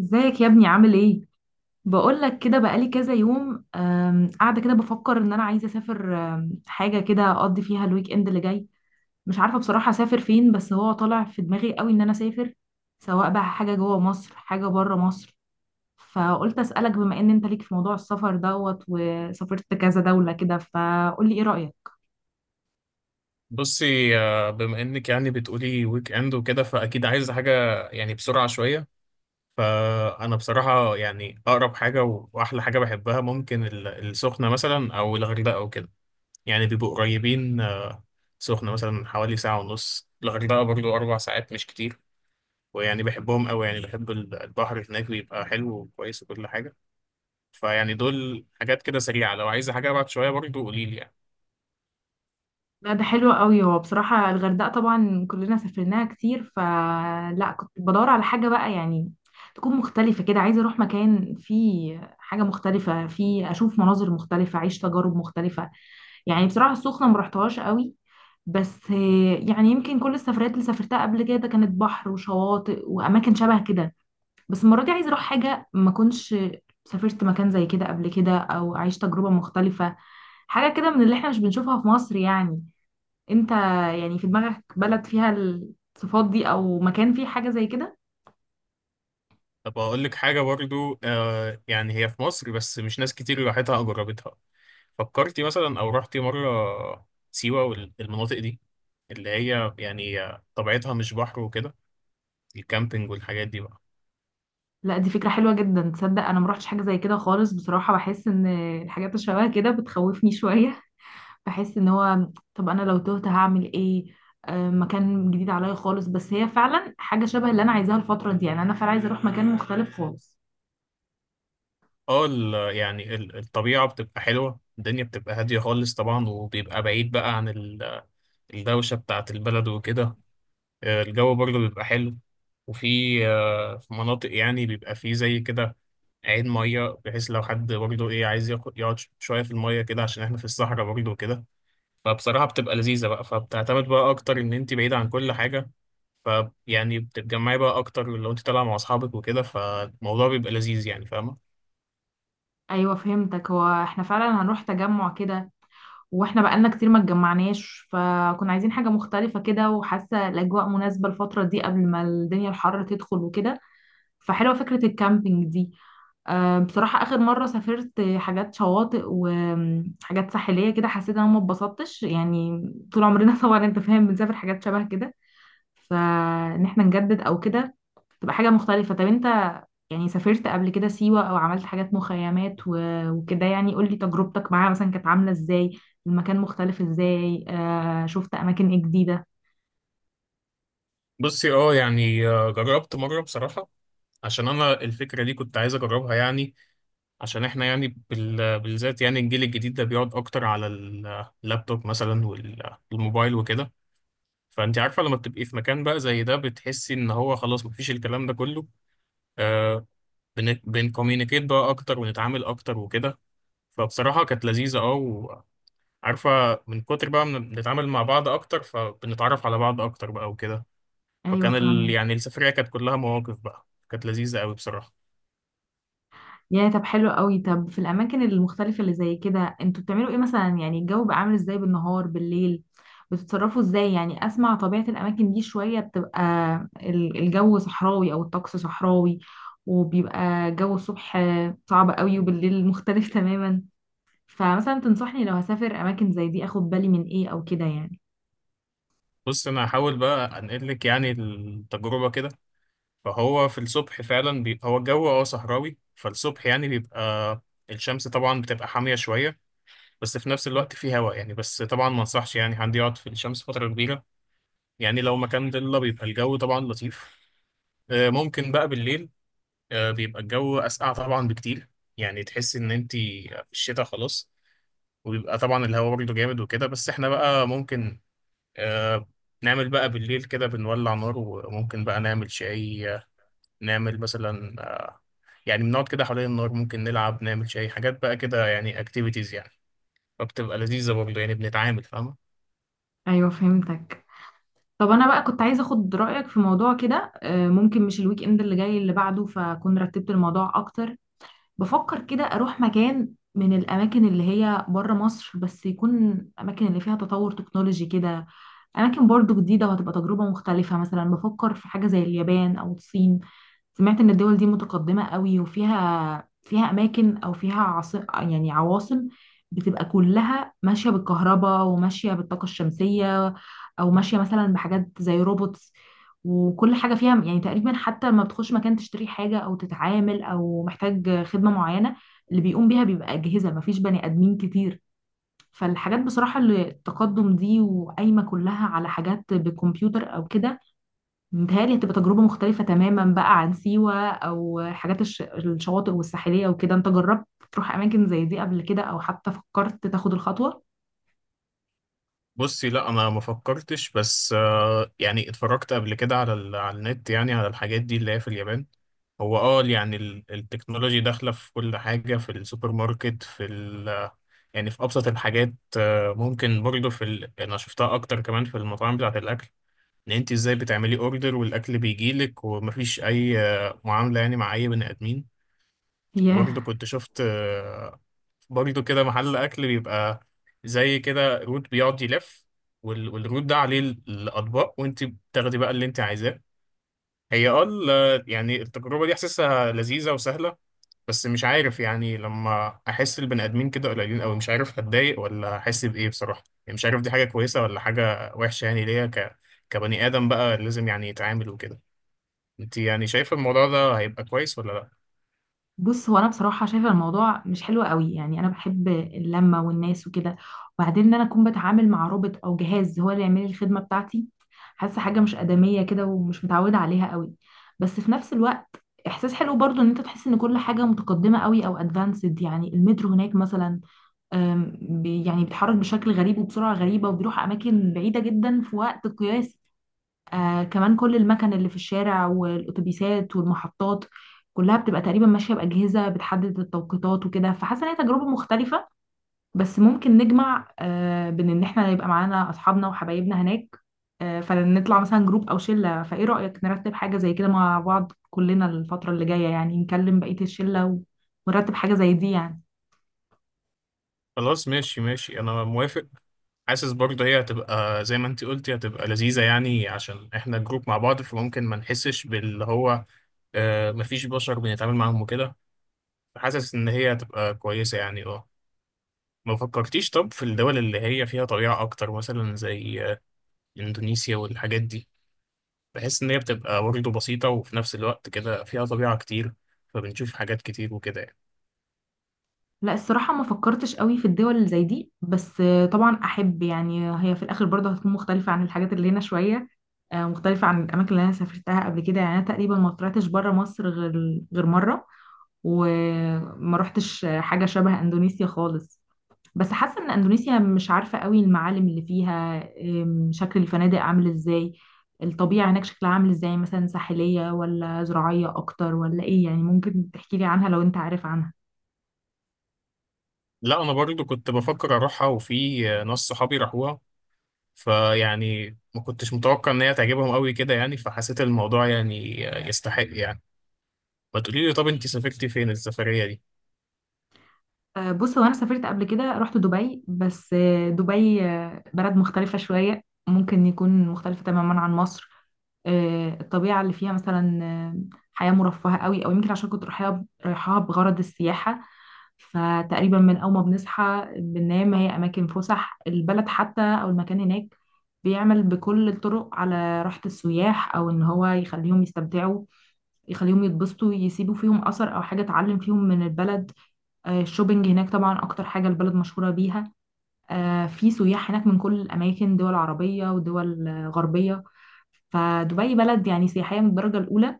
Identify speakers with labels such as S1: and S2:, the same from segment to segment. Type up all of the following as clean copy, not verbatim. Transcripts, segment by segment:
S1: ازيك يا ابني؟ عامل ايه؟ بقول لك كده، بقالي كذا يوم قاعده كده بفكر ان انا عايزه اسافر، حاجه كده اقضي فيها الويك اند اللي جاي. مش عارفه بصراحه اسافر فين، بس هو طالع في دماغي قوي ان انا اسافر، سواء بقى حاجه جوه مصر حاجه بره مصر. فقلت اسالك، بما ان انت ليك في موضوع السفر دوت وسافرت كذا دوله كده، فقول لي ايه رايك.
S2: بصي بما انك يعني بتقولي ويك اند وكده فاكيد عايز حاجه، يعني بسرعه شويه. فانا بصراحه يعني اقرب حاجه واحلى حاجه بحبها ممكن السخنه مثلا او الغردقه او كده. يعني بيبقوا قريبين، سخنه مثلا حوالي ساعه ونص، الغردقه برضو 4 ساعات مش كتير. ويعني بحبهم قوي، يعني بحب البحر هناك بيبقى حلو وكويس وكل حاجه. فيعني دول حاجات كده سريعه، لو عايزه حاجه ابعد شويه برضو قوليلي يعني.
S1: لا، ده حلو قوي. هو بصراحة الغردقة طبعا كلنا سافرناها كتير، فلا، كنت بدور على حاجة بقى يعني تكون مختلفة كده. عايزة اروح مكان فيه حاجة مختلفة، فيه اشوف مناظر مختلفة، اعيش تجارب مختلفة. يعني بصراحة السخنة مرحتهاش قوي. بس يعني يمكن كل السفرات اللي سافرتها قبل كده كانت بحر وشواطئ واماكن شبه كده. بس المرة دي عايزة اروح حاجة ما كنتش سافرت مكان زي كده قبل كده، او اعيش تجربة مختلفة، حاجة كده من اللي احنا مش بنشوفها في مصر يعني. انت يعني في دماغك بلد فيها الصفات دي، او مكان فيه حاجة زي كده؟
S2: طب أقول لك حاجة برضو، يعني هي في مصر بس مش ناس كتير راحتها أو جربتها. فكرتي مثلا أو رحتي مرة سيوة والمناطق دي، اللي هي يعني طبيعتها مش بحر وكده؟ الكامبينج والحاجات دي بقى.
S1: لا، دي فكرة حلوة جدا. تصدق انا مروحتش حاجة زي كده خالص. بصراحة بحس ان الحاجات اللي شبه كده بتخوفني شوية. بحس ان هو، طب انا لو تهت هعمل ايه؟ مكان جديد عليا خالص، بس هي فعلا حاجة شبه اللي انا عايزاها الفترة دي. يعني انا فعلا عايزة اروح مكان مختلف خالص.
S2: اه يعني الطبيعة بتبقى حلوة، الدنيا بتبقى هادية خالص طبعا، وبيبقى بعيد بقى عن الدوشة بتاعة البلد وكده. الجو برضه بيبقى حلو، وفي آه، في مناطق يعني بيبقى فيه زي كده عين مية، بحيث لو حد برضه إيه عايز يقعد شوية في المية كده، عشان إحنا في الصحراء برضه وكده. فبصراحة بتبقى لذيذة بقى، فبتعتمد بقى أكتر إن أنت بعيدة عن كل حاجة. ف يعني بتتجمعي بقى اكتر لو انت طالعه مع اصحابك وكده، فالموضوع بيبقى لذيذ، يعني فاهمه؟
S1: ايوه، فهمتك. هو احنا فعلا هنروح تجمع كده، واحنا بقالنا كتير ما اتجمعناش، فكنا عايزين حاجة مختلفة كده، وحاسة الأجواء مناسبة الفترة دي قبل ما الدنيا الحر تدخل وكده. فحلوة فكرة الكامبينج دي. بصراحة آخر مرة سافرت حاجات شواطئ وحاجات ساحلية كده، حسيت إن أنا ما اتبسطتش يعني. طول عمرنا طبعا أنت فاهم بنسافر حاجات شبه كده. فان احنا نجدد او كده، تبقى حاجة مختلفة. طب انت يعني سافرت قبل كده سيوة، او عملت حاجات مخيمات وكده؟ يعني قولي تجربتك معاها مثلا كانت عاملة ازاي، المكان مختلف ازاي، آه، شفت اماكن ايه جديدة.
S2: بصي، يعني، جربت مره بصراحه، عشان انا الفكره دي كنت عايز اجربها يعني. عشان احنا يعني بالذات يعني الجيل الجديد ده بيقعد اكتر على اللابتوب مثلا والموبايل وكده. فانت عارفه لما بتبقي في مكان بقى زي ده بتحسي ان هو خلاص مفيش الكلام ده كله، آه بنكوميونيكيت بقى اكتر ونتعامل اكتر وكده. فبصراحه كانت لذيذه، اه، وعارفه، من كتر بقى ما بنتعامل مع بعض اكتر فبنتعرف على بعض اكتر بقى وكده.
S1: ايوه،
S2: فكان
S1: فاهمة.
S2: يعني السفريه كانت كلها مواقف بقى، كانت لذيذه قوي بصراحه.
S1: يا طب حلو قوي. طب في الاماكن المختلفه اللي زي كده انتوا بتعملوا ايه مثلا؟ يعني الجو بقى عامل ازاي بالنهار بالليل؟ بتتصرفوا ازاي؟ يعني اسمع طبيعه الاماكن دي شويه. بتبقى الجو صحراوي او الطقس صحراوي، وبيبقى جو الصبح صعب قوي، وبالليل مختلف تماما. فمثلا تنصحني لو هسافر اماكن زي دي اخد بالي من ايه او كده يعني؟
S2: بص انا هحاول بقى انقل لك يعني التجربه كده. فهو في الصبح فعلا هو الجو صحراوي. فالصبح يعني بيبقى الشمس طبعا بتبقى حامية شوية، بس في نفس الوقت في هواء يعني، بس طبعا ما انصحش يعني حد يقعد في الشمس فترة كبيرة. يعني لو مكان ضلة بيبقى الجو طبعا لطيف. ممكن بقى بالليل، بيبقى الجو أسقع طبعا بكتير، يعني تحس إن أنت في الشتاء خلاص. وبيبقى طبعا الهواء برضه جامد وكده، بس احنا بقى ممكن، آه، نعمل بقى بالليل كده، بنولع نار، وممكن بقى نعمل شاي، نعمل مثلا، يعني بنقعد كده حوالين النار، ممكن نلعب، نعمل شاي، حاجات بقى كده يعني اكتيفيتيز يعني. فبتبقى لذيذة برضه، يعني بنتعامل، فاهمة؟
S1: ايوه، فهمتك. طب انا بقى كنت عايزه اخد رايك في موضوع كده. ممكن مش الويك اند اللي جاي، اللي بعده، فاكون رتبت الموضوع اكتر. بفكر كده اروح مكان من الاماكن اللي هي بره مصر، بس يكون اماكن اللي فيها تطور تكنولوجي كده، اماكن برضو جديده وهتبقى تجربه مختلفه. مثلا بفكر في حاجه زي اليابان او الصين. سمعت ان الدول دي متقدمة قوي، وفيها اماكن، او فيها يعني عواصم بتبقى كلها ماشية بالكهرباء وماشية بالطاقة الشمسية، او ماشية مثلا بحاجات زي روبوتس. وكل حاجة فيها يعني تقريبا، حتى لما بتخش مكان تشتري حاجة او تتعامل او محتاج خدمة معينة، اللي بيقوم بيها بيبقى أجهزة، مفيش بني آدمين كتير. فالحاجات بصراحة اللي التقدم دي وقايمة كلها على حاجات بالكمبيوتر او كده، متهيألي هتبقى تجربة مختلفة تماما بقى عن سيوة، أو حاجات الشواطئ والساحلية وكده. أنت جربت تروح أماكن زي دي قبل كده، أو حتى فكرت تاخد الخطوة؟
S2: بصي لا، انا ما فكرتش، بس، يعني اتفرجت قبل كده على على النت يعني على الحاجات دي اللي هي في اليابان. هو يعني التكنولوجي داخلة في كل حاجة، في السوبر ماركت، في يعني في أبسط الحاجات. ممكن برضه أنا شفتها أكتر كمان في المطاعم بتاعة الأكل، إن أنت إزاي بتعملي أوردر والأكل بيجيلك ومفيش أي، معاملة يعني مع أي بني آدمين. برضه
S1: ياه.
S2: كنت شفت، برضه كده محل أكل بيبقى زي كده روت بيقعد يلف، والروت ده عليه الأطباق، وأنت بتاخدي بقى اللي أنت عايزاه. هي يعني التجربة دي حاسسها لذيذة وسهلة، بس مش عارف، يعني لما أحس البني آدمين كده قليلين أوي، مش عارف هتضايق ولا أحس بإيه، بصراحة يعني مش عارف دي حاجة كويسة ولا حاجة وحشة، يعني ليا كبني آدم بقى لازم يعني يتعامل وكده. أنت يعني شايفة الموضوع ده هيبقى كويس ولا لأ؟
S1: بص، هو أنا بصراحة شايفة الموضوع مش حلو قوي. يعني أنا بحب اللمة والناس وكده. وبعدين إن أنا أكون بتعامل مع روبوت أو جهاز هو اللي يعمل لي الخدمة بتاعتي، حاسة حاجة مش آدمية كده ومش متعودة عليها قوي. بس في نفس الوقت، إحساس حلو برضو إن أنت تحس إن كل حاجة متقدمة قوي أو أدفانسد. يعني المترو هناك مثلا، يعني بيتحرك بشكل غريب وبسرعة غريبة، وبيروح أماكن بعيدة جدا في وقت قياسي. آه، كمان كل المكن اللي في الشارع والأتوبيسات والمحطات، كلها بتبقى تقريبا ماشية بأجهزة بتحدد التوقيتات وكده. فحاسة إن هي تجربة مختلفة. بس ممكن نجمع آه بين إن إحنا يبقى معانا أصحابنا وحبايبنا هناك. آه، فنطلع مثلا جروب أو شلة. فإيه رأيك نرتب حاجة زي كده مع بعض كلنا الفترة اللي جاية؟ يعني نكلم بقية الشلة ونرتب حاجة زي دي يعني.
S2: خلاص ماشي ماشي، أنا موافق. حاسس برضه هي هتبقى زي ما انت قلتي، هتبقى لذيذة يعني عشان احنا جروب مع بعض، فممكن ما نحسش باللي هو مفيش بشر بنتعامل معاهم وكده. فحاسس ان هي هتبقى كويسة، يعني اه. ما فكرتيش طب في الدول اللي هي فيها طبيعة اكتر، مثلا زي اندونيسيا والحاجات دي؟ بحس ان هي بتبقى برضه بسيطة، وفي نفس الوقت كده فيها طبيعة كتير، فبنشوف حاجات كتير وكده يعني.
S1: لا، الصراحة ما فكرتش قوي في الدول اللي زي دي، بس طبعا أحب. يعني هي في الآخر برضه هتكون مختلفة عن الحاجات اللي هنا شوية، مختلفة عن الأماكن اللي أنا سافرتها قبل كده. يعني أنا تقريبا ما طلعتش بره مصر غير مرة، وما روحتش حاجة شبه أندونيسيا خالص. بس حاسة إن أندونيسيا مش عارفة قوي المعالم اللي فيها. شكل الفنادق عامل إزاي؟ الطبيعة هناك شكلها عامل إزاي؟ مثلا ساحلية ولا زراعية أكتر ولا إيه يعني؟ ممكن تحكي لي عنها لو أنت عارف عنها.
S2: لا، انا برضه كنت بفكر اروحها، وفي، ناس صحابي راحوها فيعني ما كنتش متوقع ان هي تعجبهم قوي كده يعني، فحسيت الموضوع يعني يستحق يعني. ما تقولي لي، طب انت سافرتي فين السفرية دي؟
S1: بص، هو انا سافرت قبل كده، رحت دبي. بس دبي بلد مختلفة شوية، ممكن يكون مختلفة تماما عن مصر. الطبيعة اللي فيها مثلا حياة مرفهة قوي، او يمكن عشان كنت رايحاها بغرض السياحة. فتقريبا من اول ما بنصحى بننام، هي اماكن فسح، البلد حتى او المكان هناك بيعمل بكل الطرق على راحة السياح، او ان هو يخليهم يستمتعوا، يخليهم يتبسطوا، يسيبوا فيهم اثر او حاجة اتعلم فيهم من البلد. الشوبينج هناك طبعا اكتر حاجه البلد مشهوره بيها. في سياح هناك من كل الاماكن، دول عربيه ودول غربيه. فدبي بلد يعني سياحيه من الدرجه الاولى.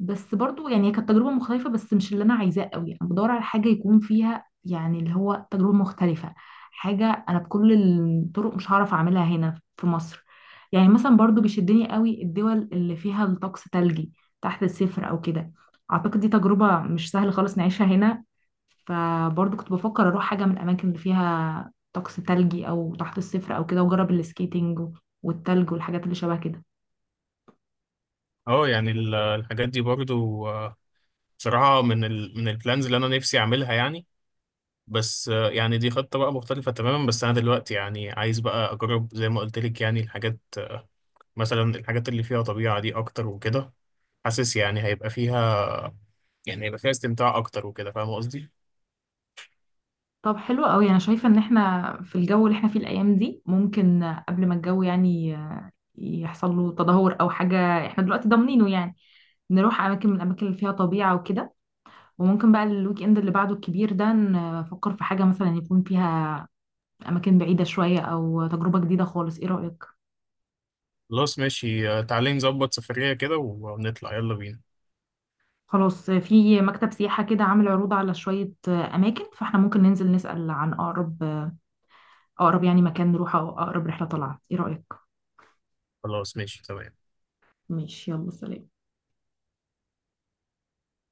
S1: بس برضو يعني كانت تجربة مختلفة، بس مش اللي أنا عايزاه قوي. أنا بدور على حاجة يكون فيها يعني اللي هو تجربة مختلفة، حاجة أنا بكل الطرق مش هعرف أعملها هنا في مصر. يعني مثلا برضو بيشدني قوي الدول اللي فيها الطقس تلجي، تحت الصفر أو كده. أعتقد دي تجربة مش سهل خالص نعيشها هنا. فبرضو كنت بفكر أروح حاجة من الأماكن اللي فيها طقس تلجي أو تحت الصفر أو كده، وأجرب السكيتنج والتلج والحاجات اللي شبه كده.
S2: اه يعني الحاجات دي برضو، بصراحة من من البلانز اللي انا نفسي اعملها يعني. بس، يعني دي خطة بقى مختلفة تماما، بس انا دلوقتي يعني عايز بقى اجرب زي ما قلت لك يعني الحاجات، مثلا الحاجات اللي فيها طبيعة دي اكتر وكده. حاسس يعني هيبقى فيها، يعني هيبقى فيها استمتاع اكتر وكده، فاهم قصدي؟
S1: طب حلو قوي. انا شايفه ان احنا في الجو اللي احنا فيه الايام دي ممكن، قبل ما الجو يعني يحصل له تدهور او حاجه، احنا دلوقتي ضامنينه يعني، نروح اماكن من الاماكن اللي فيها طبيعه وكده. وممكن بقى الويك اند اللي بعده الكبير ده نفكر في حاجه مثلا يكون فيها اماكن بعيده شويه، او تجربه جديده خالص. ايه رايك؟
S2: خلاص ماشي، تعالي نظبط سفرية كده ونطلع، يلا بينا.
S1: خلاص، في مكتب سياحه كده عامل عروض على شويه اماكن، فاحنا ممكن ننزل نسال عن اقرب، اقرب يعني مكان نروحه، او اقرب رحله طلعت. ايه رايك؟
S2: خلاص ماشي تمام.
S1: ماشي، يلا سلام.